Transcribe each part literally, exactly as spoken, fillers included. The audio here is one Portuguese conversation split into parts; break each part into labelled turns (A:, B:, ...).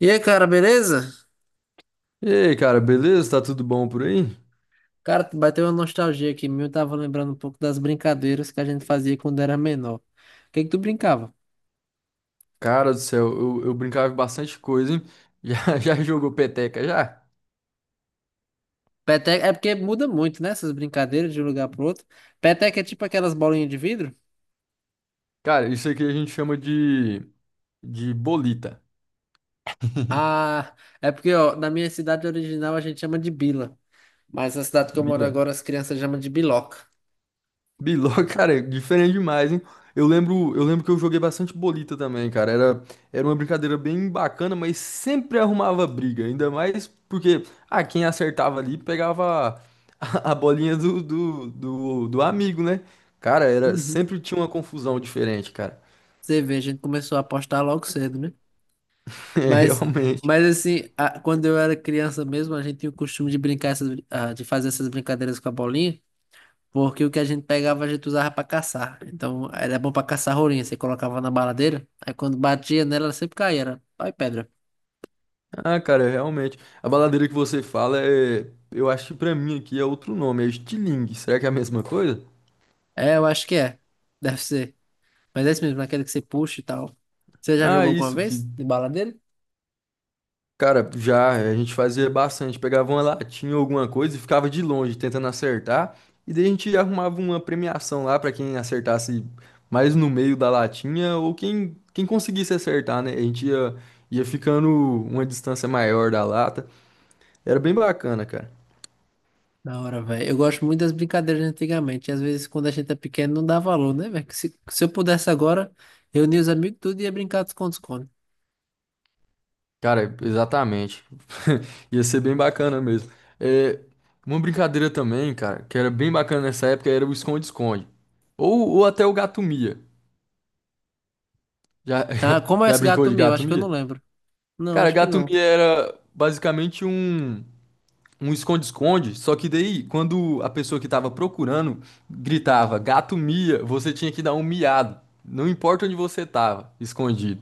A: E aí, cara, beleza?
B: E aí, cara, beleza? Tá tudo bom por aí?
A: Cara, bateu uma nostalgia aqui. Meu, tava lembrando um pouco das brincadeiras que a gente fazia quando era menor. O que que tu brincava?
B: Cara do céu, eu, eu brincava em bastante coisa, hein? Já, já jogou peteca, já?
A: Peteca é porque muda muito, né? Essas brincadeiras de um lugar pro outro. Peteca é tipo aquelas bolinhas de vidro?
B: Cara, isso aqui a gente chama de, de bolita.
A: Ah, é porque, ó, na minha cidade original a gente chama de bila. Mas na cidade que eu moro
B: Bila.
A: agora, as crianças chamam de biloca.
B: Biló, cara, é diferente demais, hein? Eu lembro, eu lembro que eu joguei bastante bolita também, cara. Era, era uma brincadeira bem bacana, mas sempre arrumava briga. Ainda mais porque, ah, quem acertava ali pegava a, a bolinha do, do, do, do amigo, né? Cara, era,
A: Uhum.
B: sempre tinha uma confusão diferente, cara.
A: Você vê, a gente começou a apostar logo cedo, né?
B: É,
A: Mas,
B: realmente.
A: mas assim, a- quando eu era criança mesmo, a gente tinha o costume de brincar, essas, brin- ah, de fazer essas brincadeiras com a bolinha. Porque o que a gente pegava, a gente usava pra caçar. Então, era bom pra caçar rolinha. Você colocava na baladeira, aí quando batia nela, ela sempre caía. Era pau e pedra.
B: Ah, cara, realmente. A baladeira que você fala é. Eu acho que pra mim aqui é outro nome, é estilingue. Será que é a mesma coisa?
A: É, eu acho que é. Deve ser. Mas é isso mesmo, aquele que você puxa e tal. Você já
B: Ah,
A: jogou alguma
B: isso que.
A: vez de baladeira?
B: Cara, já a gente fazia bastante. Pegava uma latinha ou alguma coisa e ficava de longe tentando acertar. E daí a gente arrumava uma premiação lá pra quem acertasse mais no meio da latinha ou quem, quem conseguisse acertar, né? A gente ia, ia ficando uma distância maior da lata. Era bem bacana, cara.
A: Da hora, velho. Eu gosto muito das brincadeiras de antigamente. E às vezes, quando a gente é pequeno, não dá valor, né, velho? Que Se, se eu pudesse agora, reunir os amigos tudo e ia brincar de esconde-esconde.
B: Cara, exatamente. Ia ser bem bacana mesmo. É, uma brincadeira também, cara, que era bem bacana nessa época era o esconde-esconde. Ou, ou até o gato-mia. Já,
A: Ah, como é
B: já
A: esse
B: brincou
A: gato
B: de
A: meu? Acho que eu
B: gato-mia?
A: não lembro. Não,
B: Cara,
A: acho que não.
B: gato-mia era basicamente um, um esconde-esconde, só que daí, quando a pessoa que tava procurando gritava gato-mia, você tinha que dar um miado. Não importa onde você tava, escondido.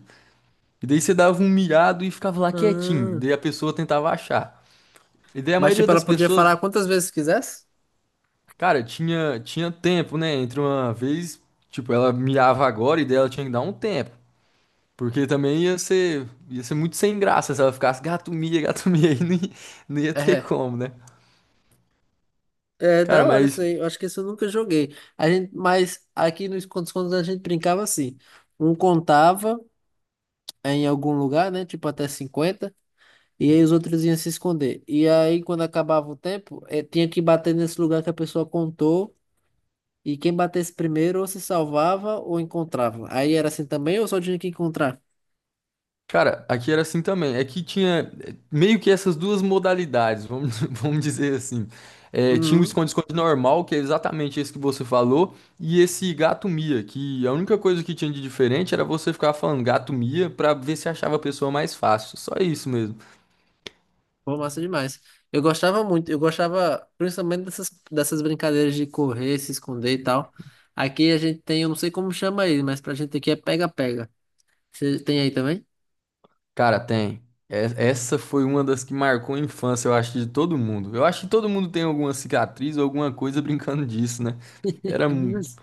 B: E daí você dava um miado e ficava lá quietinho.
A: Ah,
B: Daí a pessoa tentava achar. E daí a
A: mas,
B: maioria
A: tipo,
B: das
A: ela podia
B: pessoas,
A: falar quantas vezes quisesse?
B: cara, tinha, tinha tempo, né? Entre uma vez, tipo, ela miava agora e daí ela tinha que dar um tempo. Porque também ia ser, ia ser muito sem graça se ela ficasse gato mia, gato mia, aí não ia, não ia ter
A: É.
B: como, né?
A: É
B: Cara,
A: da hora isso
B: mas
A: aí. Eu acho que isso eu nunca joguei. A gente, mas aqui nos contos quando a gente brincava assim. Um contava em algum lugar, né? Tipo até cinquenta. E aí os outros iam se esconder. E aí, quando acabava o tempo, eh, tinha que bater nesse lugar que a pessoa contou. E quem batesse primeiro ou se salvava ou encontrava. Aí era assim também ou só tinha que encontrar?
B: Cara, aqui era assim também. É que tinha eh, meio que essas duas modalidades, vamos, vamos dizer assim. Eh, tinha o esconde-esconde normal, que é exatamente esse que você falou, e esse gato mia, que a única coisa que tinha de diferente era você ficar falando gato mia pra ver se achava a pessoa mais fácil. Só isso mesmo.
A: Pô, massa demais. Eu gostava muito, eu gostava principalmente dessas, dessas brincadeiras de correr, se esconder e tal. Aqui a gente tem, eu não sei como chama aí, mas pra gente aqui é pega-pega. Você tem aí também?
B: Cara, tem. É- Essa foi uma das que marcou a infância, eu acho, de todo mundo. Eu acho que todo mundo tem alguma cicatriz ou alguma coisa brincando disso, né? Era, mu-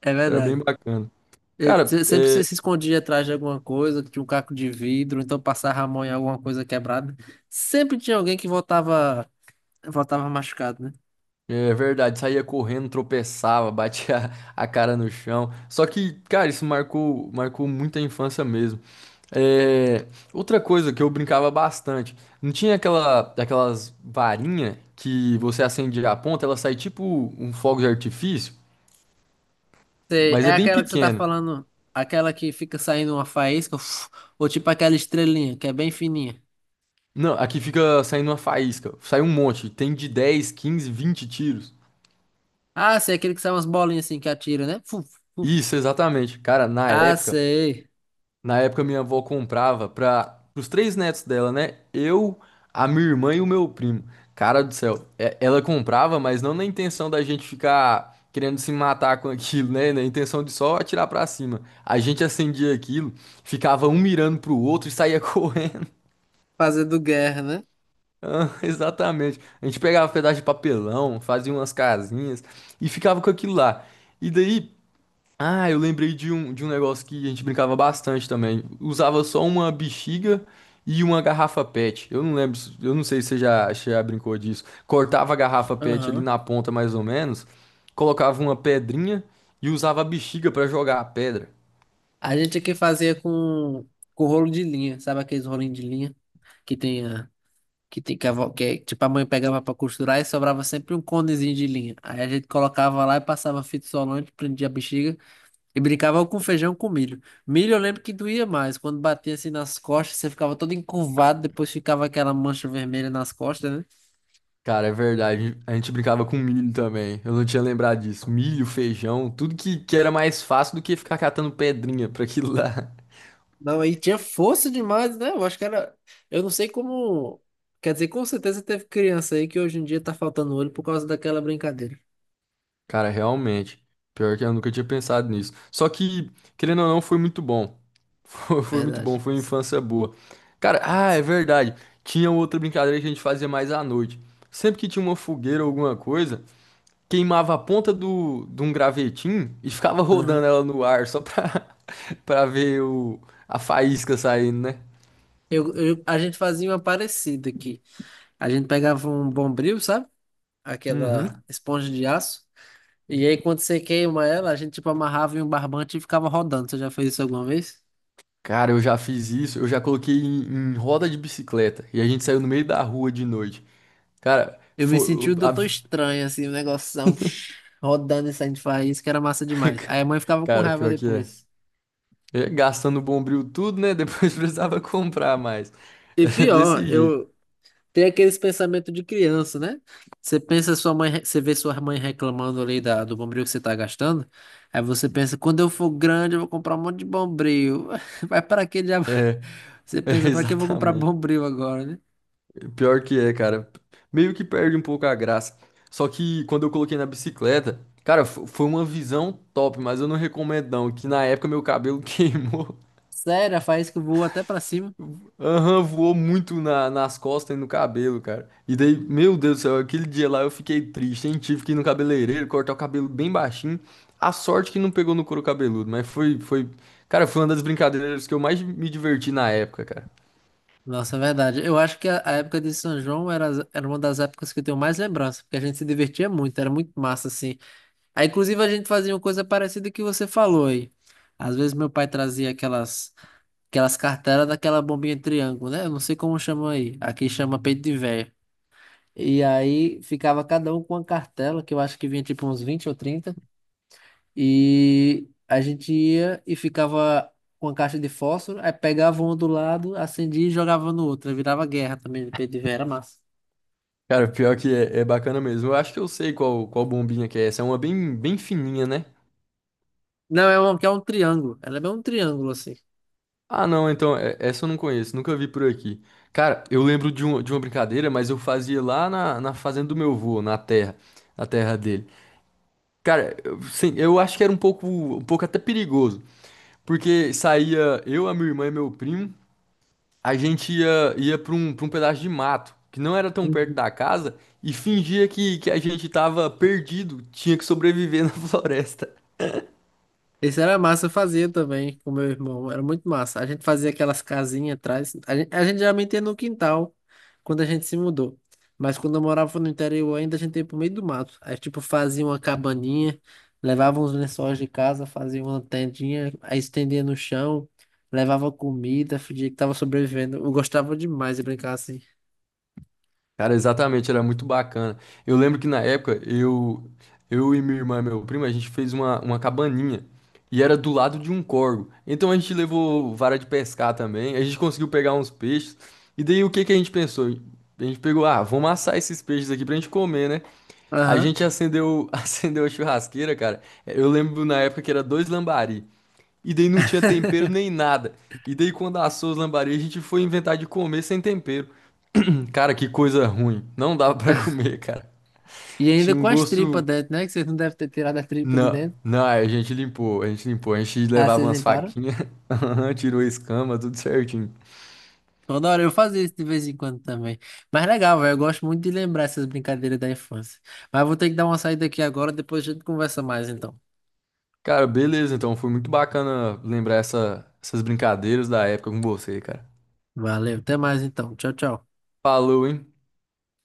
A: É
B: era bem
A: verdade.
B: bacana.
A: Eu-
B: Cara,
A: se- sempre você
B: é,
A: se escondia atrás de alguma coisa, tinha um caco de vidro, então passava a mão em alguma coisa quebrada. Sempre tinha alguém que voltava, voltava machucado, né?
B: é verdade, saía correndo, tropeçava, batia a cara no chão. Só que, cara, isso marcou, marcou muito a infância mesmo. É, outra coisa que eu brincava bastante, não tinha aquela, aquelas varinha que você acendia a ponta, ela sai tipo um fogo de artifício,
A: Sei,
B: mas é
A: é
B: bem
A: aquela que você tá
B: pequeno.
A: falando, aquela que fica saindo uma faísca, uf, ou tipo aquela estrelinha, que é bem fininha.
B: Não, aqui fica saindo uma faísca, sai um monte, tem de dez, quinze, vinte tiros.
A: Ah, sei, aquele que sai umas bolinhas assim que atira, né? Fuf, fuf.
B: Isso, exatamente. Cara, na
A: Ah,
B: época
A: sei.
B: Na época, minha avó comprava para os três netos dela, né? Eu, a minha irmã e o meu primo. Cara do céu, é- ela comprava, mas não na intenção da gente ficar querendo se matar com aquilo, né? Na intenção de só atirar pra cima. A gente acendia aquilo, ficava um mirando pro outro e saía correndo.
A: Fazendo guerra, né?
B: Ah, exatamente. A gente pegava pedaço de papelão, fazia umas casinhas e ficava com aquilo lá. E daí. Ah, eu lembrei de um, de um negócio que a gente brincava bastante também. Usava só uma bexiga e uma garrafa PET. Eu não lembro, se- eu não sei se você já, se já brincou disso. Cortava a garrafa PET ali
A: Aham.
B: na ponta, mais ou menos, colocava uma pedrinha e usava a bexiga pra jogar a pedra.
A: A gente aqui fazia com, com rolo de linha, sabe aqueles rolinhos de linha que tem a. Que tem que, a, vó- que é- tipo a mãe pegava pra costurar e sobrava sempre um conezinho de linha. Aí a gente colocava lá e passava fita isolante, prendia a bexiga e brincava com feijão com milho. Milho eu lembro que doía mais, quando batia assim nas costas, você ficava todo encurvado, depois ficava aquela mancha vermelha nas costas, né?
B: Cara, é verdade. A gente brincava com milho também. Eu não tinha lembrado disso. Milho, feijão, tudo que, que era mais fácil do que ficar catando pedrinha pra aquilo lá.
A: Não, aí tinha força demais, né? Eu acho que era. Eu não sei como. Quer dizer, com certeza teve criança aí que hoje em dia tá faltando olho por causa daquela brincadeira.
B: Cara, realmente. Pior que eu nunca tinha pensado nisso. Só que, querendo ou não, foi muito bom. Foi, foi muito bom,
A: Verdade.
B: foi uma infância boa. Cara, ah, é verdade. Tinha outra brincadeira que a gente fazia mais à noite. Sempre que tinha uma fogueira ou alguma coisa, queimava a ponta do, de um gravetinho e ficava
A: Aham.
B: rodando ela no ar só pra, pra ver o, a faísca saindo, né?
A: Eu, eu- a gente fazia uma parecida aqui. A gente pegava um bombril, sabe? Aquela
B: Uhum.
A: esponja de aço. E aí, quando você queima ela, a gente tipo amarrava em um barbante e ficava rodando. Você já fez isso alguma vez?
B: Cara, eu já fiz isso. Eu já coloquei em, em roda de bicicleta e a gente saiu no meio da rua de noite. Cara,
A: Eu me
B: foi,
A: senti o doutor estranho, assim, o um negoção rodando e saindo de faísca, que era massa demais. Aí a mãe ficava com
B: cara,
A: raiva
B: pior que é.
A: depois.
B: É, gastando o bombril tudo, né? Depois precisava comprar mais.
A: E
B: É
A: pior,
B: desse jeito.
A: eu tem aqueles pensamentos de criança, né? Você pensa sua mãe, re- você vê sua mãe reclamando ali da, do bombril que você tá gastando. Aí você pensa, quando eu for grande, eu vou comprar um monte de bombril. Vai para que diabo?
B: É,
A: Você
B: é,
A: pensa, para que eu vou comprar
B: exatamente.
A: bombril agora, né?
B: Pior que é, cara. Meio que perde um pouco a graça. Só que quando eu coloquei na bicicleta, cara, fo- foi uma visão top, mas eu não recomendo não, que na época meu cabelo queimou.
A: Sério, faz que eu vou até para cima.
B: Aham, voou muito na- nas costas e no cabelo, cara. E daí, meu Deus do céu, aquele dia lá eu fiquei triste, hein? Tive que ir no cabeleireiro, cortar o cabelo bem baixinho. A sorte que não pegou no couro cabeludo, mas foi, foi... Cara, foi uma das brincadeiras que eu mais me diverti na época, cara.
A: Nossa, é verdade. Eu acho que a, a época de São João era, as- era uma das épocas que eu tenho mais lembrança, porque a gente se divertia muito, era muito massa, assim. Aí, inclusive, a gente fazia uma coisa parecida que você falou aí. Às vezes meu pai trazia aquelas. Aquelas cartelas daquela bombinha triângulo, né? Eu não sei como chama aí. Aqui chama peito de véia. E aí ficava cada um com uma cartela, que eu acho que vinha tipo uns vinte ou trinta. E a gente ia e ficava com a caixa de fósforo, aí pegava um do lado, acendia e jogava no outro. Aí virava guerra também de peito de véia, era massa.
B: Cara, pior que é, é bacana mesmo. Eu acho que eu sei qual, qual bombinha que é essa. É uma bem, bem fininha, né?
A: Não, é um, que é um triângulo. Ela é bem um triângulo assim.
B: Ah, não, então, é- essa eu não conheço, nunca vi por aqui. Cara, eu lembro de, um, de uma brincadeira, mas eu fazia lá na, na fazenda do meu avô, na terra, na terra dele. Cara, eu- sim, eu acho que era um pouco, um pouco até perigoso, porque saía eu, a minha irmã e meu primo, a gente ia, ia para um, para um pedaço de mato, que não era tão perto da casa, e fingia que, que a gente tava perdido, tinha que sobreviver na floresta.
A: Esse era massa, eu fazia também com meu irmão, era muito massa. A gente fazia aquelas casinhas atrás, a gente, a gente geralmente ia no quintal, quando a gente se mudou. Mas quando eu morava no interior ainda, a gente ia pro meio do mato. Aí, tipo, fazia uma cabaninha, levava uns lençóis de casa, fazia uma tendinha, aí estendia no chão, levava comida, fingia que tava sobrevivendo. Eu gostava demais de brincar assim.
B: Cara, exatamente, era muito bacana. Eu lembro que na época eu, eu e minha irmã e meu primo, a gente fez uma, uma cabaninha e era do lado de um córgo. Então a gente levou vara de pescar também, a gente conseguiu pegar uns peixes. E daí o que que a gente pensou? A gente pegou, ah, vamos assar esses peixes aqui pra gente comer, né? A
A: Aham.
B: gente acendeu, acendeu a churrasqueira, cara. Eu lembro na época que era dois lambari. E daí não tinha tempero nem nada. E daí quando assou os lambari, a gente foi inventar de comer sem tempero. Cara, que coisa ruim. Não dava pra comer, cara.
A: E ainda
B: Tinha um
A: com as tripas
B: gosto.
A: dentro, né? Que vocês não devem ter tirado a tripa de
B: Não,
A: dentro.
B: não, aí a gente limpou, a gente limpou. A gente
A: Ah,
B: levava
A: vocês
B: umas
A: limparam?
B: faquinhas, aham, tirou a escama, tudo certinho.
A: Toda hora eu fazia isso de vez em quando também. Mas legal, velho. Eu gosto muito de lembrar essas brincadeiras da infância. Mas vou ter que dar uma saída aqui agora, depois a gente conversa mais então.
B: Cara, beleza, então foi muito bacana lembrar essa- essas brincadeiras da época com você, cara.
A: Valeu, até mais então. Tchau, tchau.
B: Falou, hein?